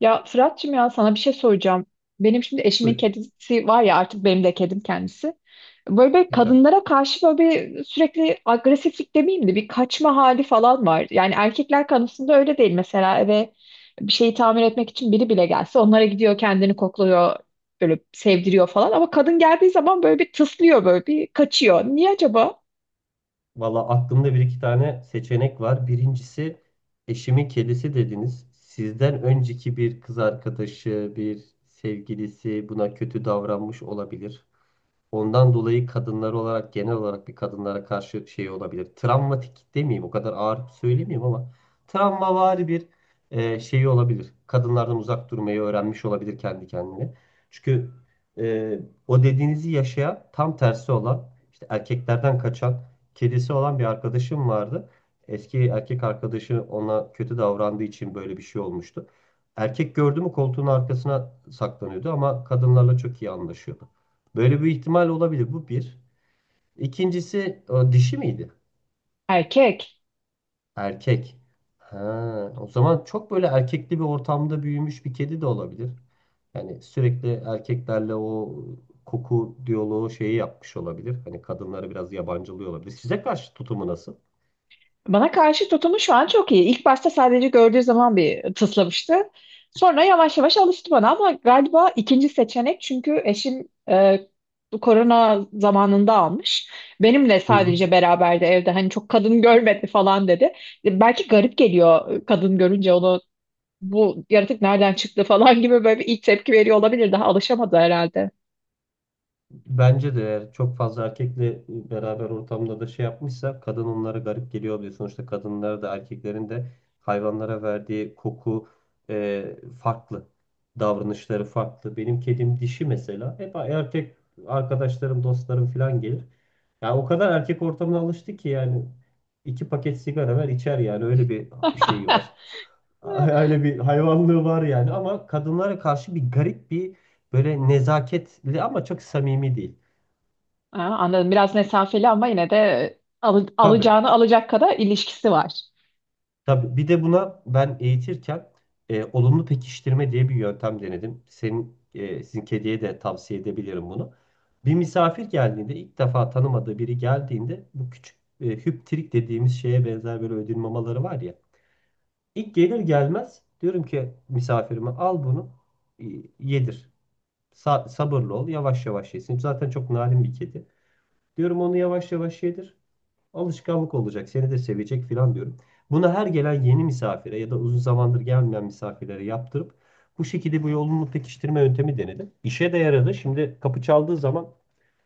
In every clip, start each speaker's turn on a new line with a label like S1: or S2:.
S1: Ya Fırat'cığım ya sana bir şey soracağım. Benim şimdi eşimin
S2: Buyurun.
S1: kedisi var ya, artık benim de kedim kendisi. Böyle bir
S2: Etap.
S1: kadınlara karşı böyle bir sürekli agresiflik demeyeyim de bir kaçma hali falan var. Yani erkekler konusunda öyle değil. Mesela eve bir şeyi tamir etmek için biri bile gelse onlara gidiyor, kendini kokluyor, böyle sevdiriyor falan. Ama kadın geldiği zaman böyle bir tıslıyor, böyle bir kaçıyor. Niye acaba?
S2: Valla aklımda bir iki tane seçenek var. Birincisi eşimin kedisi dediniz. Sizden önceki bir kız arkadaşı, bir sevgilisi buna kötü davranmış olabilir. Ondan dolayı kadınlar olarak genel olarak bir kadınlara karşı şey olabilir. Travmatik demeyeyim o kadar ağır söylemeyeyim ama travmavari bir şey olabilir. Kadınlardan uzak durmayı öğrenmiş olabilir kendi kendine. Çünkü e, o dediğinizi yaşayan tam tersi olan işte erkeklerden kaçan kedisi olan bir arkadaşım vardı. Eski erkek arkadaşı ona kötü davrandığı için böyle bir şey olmuştu. Erkek gördü mü koltuğun arkasına saklanıyordu ama kadınlarla çok iyi anlaşıyordu. Böyle bir ihtimal olabilir. Bu bir. İkincisi, o dişi miydi?
S1: Erkek.
S2: Erkek. Ha, o zaman çok böyle erkekli bir ortamda büyümüş bir kedi de olabilir. Yani sürekli erkeklerle o koku diyaloğu şeyi yapmış olabilir. Hani kadınları biraz yabancılıyor olabilir. Size karşı tutumu nasıl?
S1: Bana karşı tutumu şu an çok iyi. İlk başta sadece gördüğü zaman bir tıslamıştı. Sonra yavaş yavaş alıştı bana ama galiba ikinci seçenek, çünkü eşim bu korona zamanında almış. Benimle
S2: Hı hı.
S1: sadece beraberdi evde, hani çok kadın görmedi falan dedi. Belki garip geliyor, kadın görünce onu bu yaratık nereden çıktı falan gibi böyle bir ilk tepki veriyor olabilir. Daha alışamadı herhalde.
S2: Bence de eğer çok fazla erkekle beraber ortamda da şey yapmışsa kadın onlara garip geliyor oluyor. Sonuçta kadınlar da erkeklerin de hayvanlara verdiği koku e, farklı. Davranışları farklı. Benim kedim dişi mesela. Hep erkek arkadaşlarım, dostlarım falan gelir. Ya o kadar erkek ortamına alıştı ki yani iki paket sigara ver içer, yani öyle bir şeyi var. Öyle bir hayvanlığı var yani, ama kadınlara karşı bir garip bir, böyle nezaketli ama çok samimi değil.
S1: Aa, anladım. Biraz mesafeli ama yine de
S2: Tabii,
S1: alacağını alacak kadar ilişkisi var.
S2: tabii. Bir de buna ben eğitirken olumlu pekiştirme diye bir yöntem denedim. Senin, sizin kediye de tavsiye edebilirim bunu. Bir misafir geldiğinde, ilk defa tanımadığı biri geldiğinde, bu küçük hüptirik dediğimiz şeye benzer böyle ödül mamaları var ya. İlk gelir gelmez diyorum ki misafirime, al bunu e, yedir. Sabırlı ol, yavaş yavaş yesin. Zaten çok narin bir kedi. Diyorum, onu yavaş yavaş yedir. Alışkanlık olacak, seni de sevecek filan diyorum. Bunu her gelen yeni misafire ya da uzun zamandır gelmeyen misafirlere yaptırıp bu şekilde bu yolunu pekiştirme yöntemi denedim. İşe de yaradı. Şimdi kapı çaldığı zaman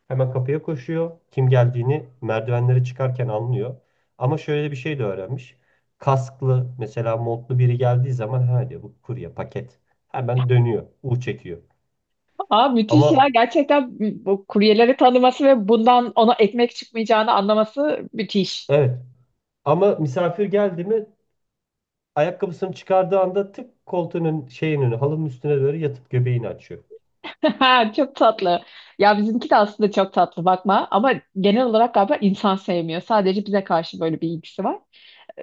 S2: hemen kapıya koşuyor. Kim geldiğini merdivenlere çıkarken anlıyor. Ama şöyle bir şey de öğrenmiş. Kasklı, mesela montlu biri geldiği zaman, ha diyor, bu kurye paket. Hemen dönüyor, U çekiyor.
S1: Aa, müthiş
S2: Ama
S1: ya. Gerçekten bu kuryeleri tanıması ve bundan ona ekmek çıkmayacağını anlaması müthiş.
S2: evet, ama misafir geldi mi, ayakkabısını çıkardığı anda tık koltuğunun şeyin önü, halının üstüne doğru yatıp göbeğini açıyor.
S1: Çok tatlı. Ya bizimki de aslında çok tatlı, bakma ama genel olarak galiba insan sevmiyor. Sadece bize karşı böyle bir ilgisi var.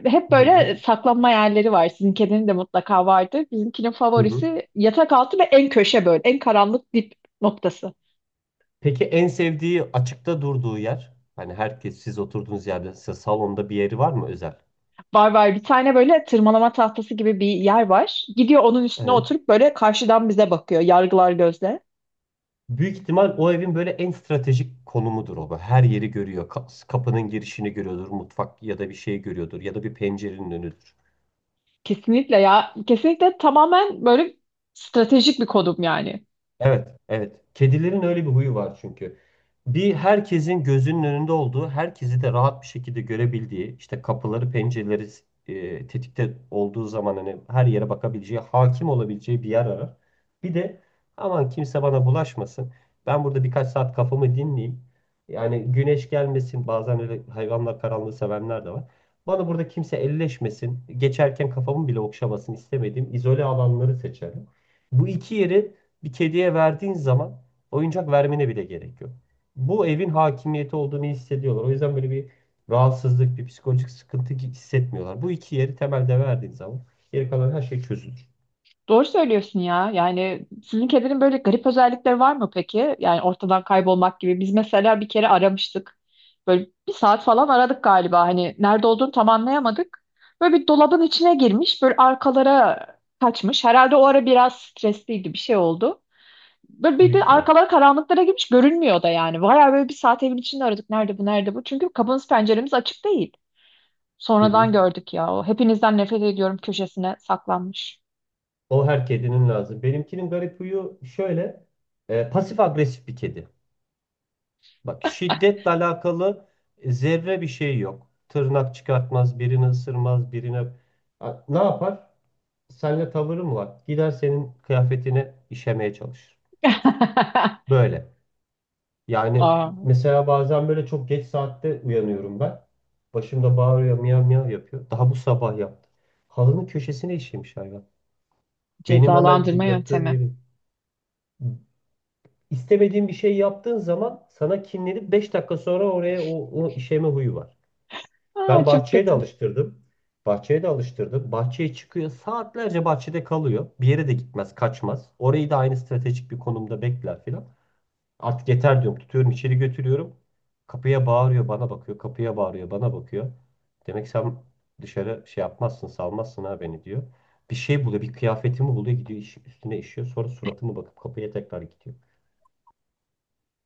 S1: Hep
S2: Hı hı.
S1: böyle saklanma yerleri var. Sizin kedinin de mutlaka vardır. Bizimkinin
S2: Hı hı.
S1: favorisi yatak altı ve en köşe böyle. En karanlık dip noktası.
S2: Peki en sevdiği açıkta durduğu yer? Hani herkes siz oturduğunuz yerde, size salonda bir yeri var mı özel?
S1: Var var, bir tane böyle tırmalama tahtası gibi bir yer var. Gidiyor onun üstüne
S2: Evet.
S1: oturup böyle karşıdan bize bakıyor. Yargılar gözle.
S2: Büyük ihtimal o evin böyle en stratejik konumudur o. Böyle her yeri görüyor. Kapının girişini görüyordur. Mutfak ya da bir şey görüyordur. Ya da bir pencerenin önüdür.
S1: Kesinlikle ya. Kesinlikle tamamen böyle stratejik bir kodum yani.
S2: Evet, evet. Kedilerin öyle bir huyu var çünkü. Bir herkesin gözünün önünde olduğu, herkesi de rahat bir şekilde görebildiği, işte kapıları, pencereleri tetikte olduğu zaman hani her yere bakabileceği, hakim olabileceği bir yer arar. Bir de aman kimse bana bulaşmasın. Ben burada birkaç saat kafamı dinleyeyim. Yani güneş gelmesin. Bazen öyle hayvanlar, karanlığı sevenler de var. Bana burada kimse elleşmesin, geçerken kafamı bile okşamasın istemediğim izole alanları seçerim. Bu iki yeri bir kediye verdiğin zaman oyuncak vermene bile gerek yok. Bu evin hakimiyeti olduğunu hissediyorlar. O yüzden böyle bir rahatsızlık, bir psikolojik sıkıntı hissetmiyorlar. Bu iki yeri temelde verdiğin zaman geri kalan her şey çözülür.
S1: Doğru söylüyorsun ya. Yani sizin kedinin böyle garip özellikleri var mı peki? Yani ortadan kaybolmak gibi. Biz mesela bir kere aramıştık. Böyle bir saat falan aradık galiba. Hani nerede olduğunu tam anlayamadık. Böyle bir dolabın içine girmiş. Böyle arkalara kaçmış. Herhalde o ara biraz stresliydi. Bir şey oldu. Böyle bir
S2: Büyük
S1: de
S2: ihtimal.
S1: arkaları karanlıklara girmiş, görünmüyor da yani. Bayağı böyle bir saat evin içinde aradık. Nerede bu, nerede bu? Çünkü kapımız penceremiz açık değil.
S2: Hı
S1: Sonradan
S2: hı.
S1: gördük ya. O hepinizden nefret ediyorum köşesine saklanmış.
S2: O her kedinin lazım. Benimkinin garip huyu şöyle. Pasif agresif bir kedi. Bak, şiddetle alakalı zerre bir şey yok. Tırnak çıkartmaz, birini ısırmaz, birine... Ha, ne yapar? Seninle tavırı mı var? Gider senin kıyafetine işemeye çalışır. Böyle. Yani
S1: Aa,
S2: mesela bazen böyle çok geç saatte uyanıyorum ben. Başımda bağırıyor, miyav miyav yapıyor. Daha bu sabah yaptı. Halının köşesine işemiş hayvan. Benim hemen
S1: cezalandırma
S2: yattığım
S1: yöntemi.
S2: yerin. İstemediğin bir şey yaptığın zaman sana kinlenip beş dakika sonra oraya, o işeme huyu var.
S1: Aa,
S2: Ben
S1: çok
S2: bahçeye de
S1: kötü.
S2: alıştırdım. Bahçeye de alıştırdım. Bahçeye çıkıyor. Saatlerce bahçede kalıyor. Bir yere de gitmez, kaçmaz. Orayı da aynı stratejik bir konumda bekler filan. Artık yeter diyorum. Tutuyorum, içeri götürüyorum. Kapıya bağırıyor, bana bakıyor. Kapıya bağırıyor, bana bakıyor. Demek sen dışarı şey yapmazsın, salmazsın ha beni, diyor. Bir şey buluyor, bir kıyafetimi buluyor, gidiyor, üstüne işiyor. Sonra suratıma bakıp kapıya tekrar gidiyor.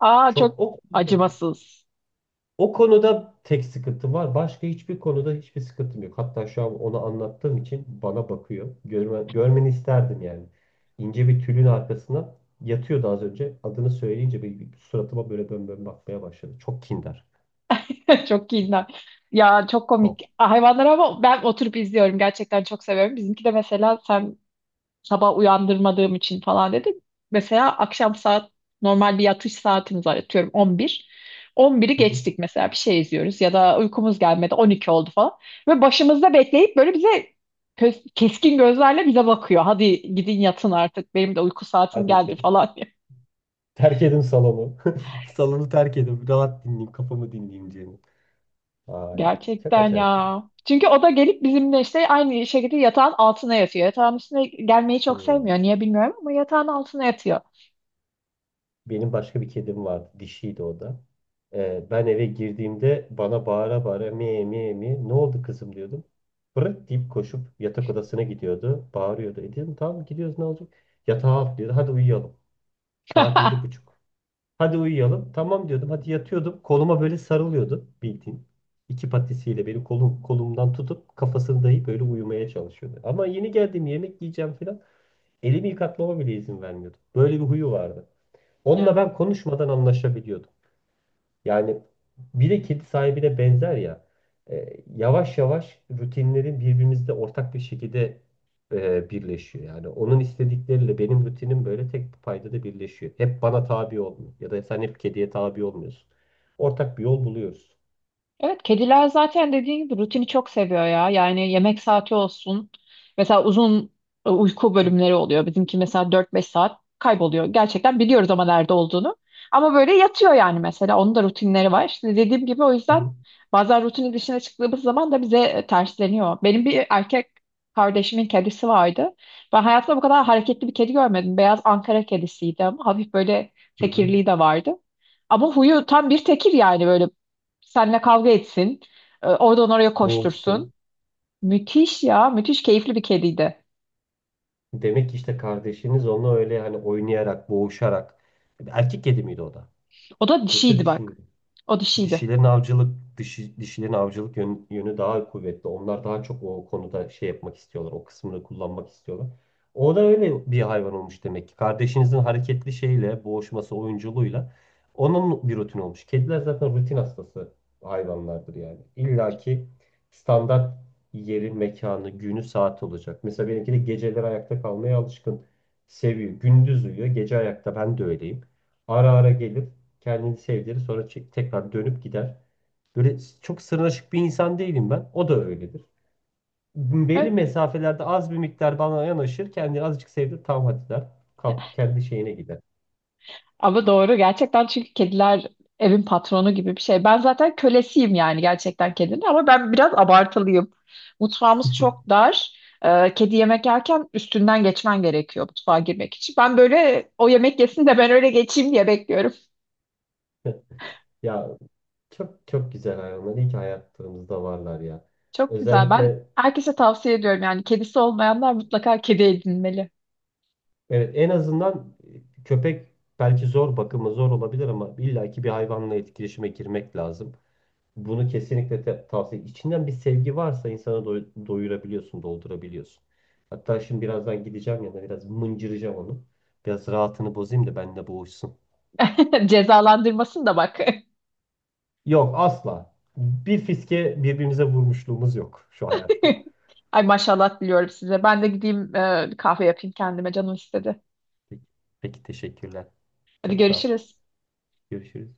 S1: Aa,
S2: Çok
S1: çok
S2: o.
S1: acımasız.
S2: O konuda tek sıkıntım var. Başka hiçbir konuda hiçbir sıkıntım yok. Hatta şu an onu anlattığım için bana bakıyor. Görme, görmeni isterdim yani. İnce bir tülün arkasına yatıyordu az önce. Adını söyleyince bir suratıma böyle bön bön bakmaya başladı. Çok kindar.
S1: Çok kinler. Ya çok
S2: Çok.
S1: komik. Hayvanlar ama ben oturup izliyorum. Gerçekten çok seviyorum. Bizimki de mesela sen sabah uyandırmadığım için falan dedi. Mesela akşam saat normal bir yatış saatimiz var, atıyorum 11. 11'i
S2: Hı hı.
S1: geçtik mesela, bir şey izliyoruz ya da uykumuz gelmedi, 12 oldu falan. Ve başımızda bekleyip böyle bize keskin gözlerle bize bakıyor. Hadi gidin yatın artık, benim de uyku saatim
S2: Hadi
S1: geldi
S2: içeri.
S1: falan diye.
S2: Terk edin salonu. Salonu terk edin. Rahat dinleyeyim, kafamı dinleyeyim diye. Ay, çok
S1: Gerçekten
S2: acayip yani.
S1: ya. Çünkü o da gelip bizimle işte aynı şekilde yatağın altına yatıyor. Yatağın üstüne gelmeyi çok
S2: Hı.
S1: sevmiyor. Niye bilmiyorum ama yatağın altına yatıyor.
S2: Benim başka bir kedim vardı. Dişiydi o da. Ben eve girdiğimde bana bağıra bağıra mi mi mi, ne oldu kızım, diyordum. Bırak deyip koşup yatak odasına gidiyordu. Bağırıyordu. E dedim, tamam gidiyoruz, ne olacak? Yatağa atlıyordu. Hadi uyuyalım. Saat yedi buçuk. Hadi uyuyalım. Tamam diyordum. Hadi yatıyordum. Koluma böyle sarılıyordu bildiğin. İki patisiyle benim kolum, kolumdan tutup kafasını dayayıp böyle uyumaya çalışıyordu. Ama yeni geldim, yemek yiyeceğim falan. Elimi yıkatmama bile izin vermiyordu. Böyle bir huyu vardı. Onunla
S1: Ya.
S2: ben konuşmadan anlaşabiliyordum. Yani bir de kedi sahibine benzer ya. Yavaş yavaş rutinlerin birbirimizde ortak bir şekilde birleşiyor. Yani onun istedikleriyle benim rutinim böyle tek bir paydada birleşiyor. Hep bana tabi olmuyor. Ya da sen hep kediye tabi olmuyorsun. Ortak bir yol buluyoruz.
S1: Evet, kediler zaten dediğin gibi rutini çok seviyor ya. Yani yemek saati olsun. Mesela uzun uyku bölümleri oluyor. Bizimki mesela dört beş saat kayboluyor. Gerçekten biliyoruz ama nerede olduğunu. Ama böyle yatıyor yani mesela. Onun da rutinleri var. İşte dediğim gibi, o
S2: Hı
S1: yüzden
S2: hı.
S1: bazen rutinin dışına çıktığımız zaman da bize tersleniyor. Benim bir erkek kardeşimin kedisi vardı. Ben hayatımda bu kadar hareketli bir kedi görmedim. Beyaz Ankara kedisiydi ama hafif böyle
S2: Hı hı.
S1: tekirliği de vardı. Ama huyu tam bir tekir, yani böyle seninle kavga etsin, oradan oraya koştursun.
S2: Boğuşsun.
S1: Müthiş ya. Müthiş keyifli bir kediydi.
S2: Demek ki işte kardeşiniz onunla öyle hani oynayarak, boğuşarak. Erkek kedi miydi o da?
S1: O da
S2: Yoksa
S1: dişiydi
S2: dişi mi?
S1: bak. O dişiydi.
S2: dişilerin avcılık Dişi, dişilerin avcılık yönü daha kuvvetli. Onlar daha çok o konuda şey yapmak istiyorlar. O kısmını kullanmak istiyorlar. O da öyle bir hayvan olmuş demek ki. Kardeşinizin hareketli şeyle, boğuşması, oyunculuğuyla onun bir rutin olmuş. Kediler zaten rutin hastası hayvanlardır yani. İlla ki standart yeri, mekanı, günü, saati olacak. Mesela benimki de geceleri ayakta kalmaya alışkın. Seviyor. Gündüz uyuyor, gece ayakta. Ben de öyleyim. Ara ara gelir. Kendini sevdirir, sonra tekrar dönüp gider. Böyle çok sırnaşık bir insan değilim ben. O da öyledir.
S1: Evet.
S2: Belli mesafelerde az bir miktar bana yanaşır. Kendini azıcık sevdir, tamam hadi, der. Kalkıp kendi şeyine gider.
S1: Ama doğru gerçekten, çünkü kediler evin patronu gibi bir şey. Ben zaten kölesiyim yani gerçekten kedinin, ama ben biraz abartılıyım. Mutfağımız çok dar. Kedi yemek yerken üstünden geçmen gerekiyor mutfağa girmek için. Ben böyle o yemek yesin de ben öyle geçeyim diye bekliyorum.
S2: Ya, çok çok güzel hayvanlar. İyi ki hayatlarımızda varlar ya.
S1: Çok güzel. Ben
S2: Özellikle,
S1: herkese tavsiye ediyorum, yani kedisi olmayanlar mutlaka kedi edinmeli.
S2: evet, en azından köpek belki zor, bakımı zor olabilir, ama illaki bir hayvanla etkileşime girmek lazım. Bunu kesinlikle tavsiye. İçinden bir sevgi varsa insanı doyurabiliyorsun, doldurabiliyorsun. Hatta şimdi birazdan gideceğim yanına, biraz mıncıracağım onu. Biraz rahatını bozayım da benimle boğuşsun.
S1: Cezalandırmasın da bak.
S2: Yok, asla. Bir fiske birbirimize vurmuşluğumuz yok şu hayatta.
S1: Ay maşallah diliyorum size. Ben de gideyim kahve yapayım, kendime canım istedi.
S2: Peki, peki teşekkürler.
S1: Hadi
S2: Çok sağ ol.
S1: görüşürüz.
S2: Görüşürüz.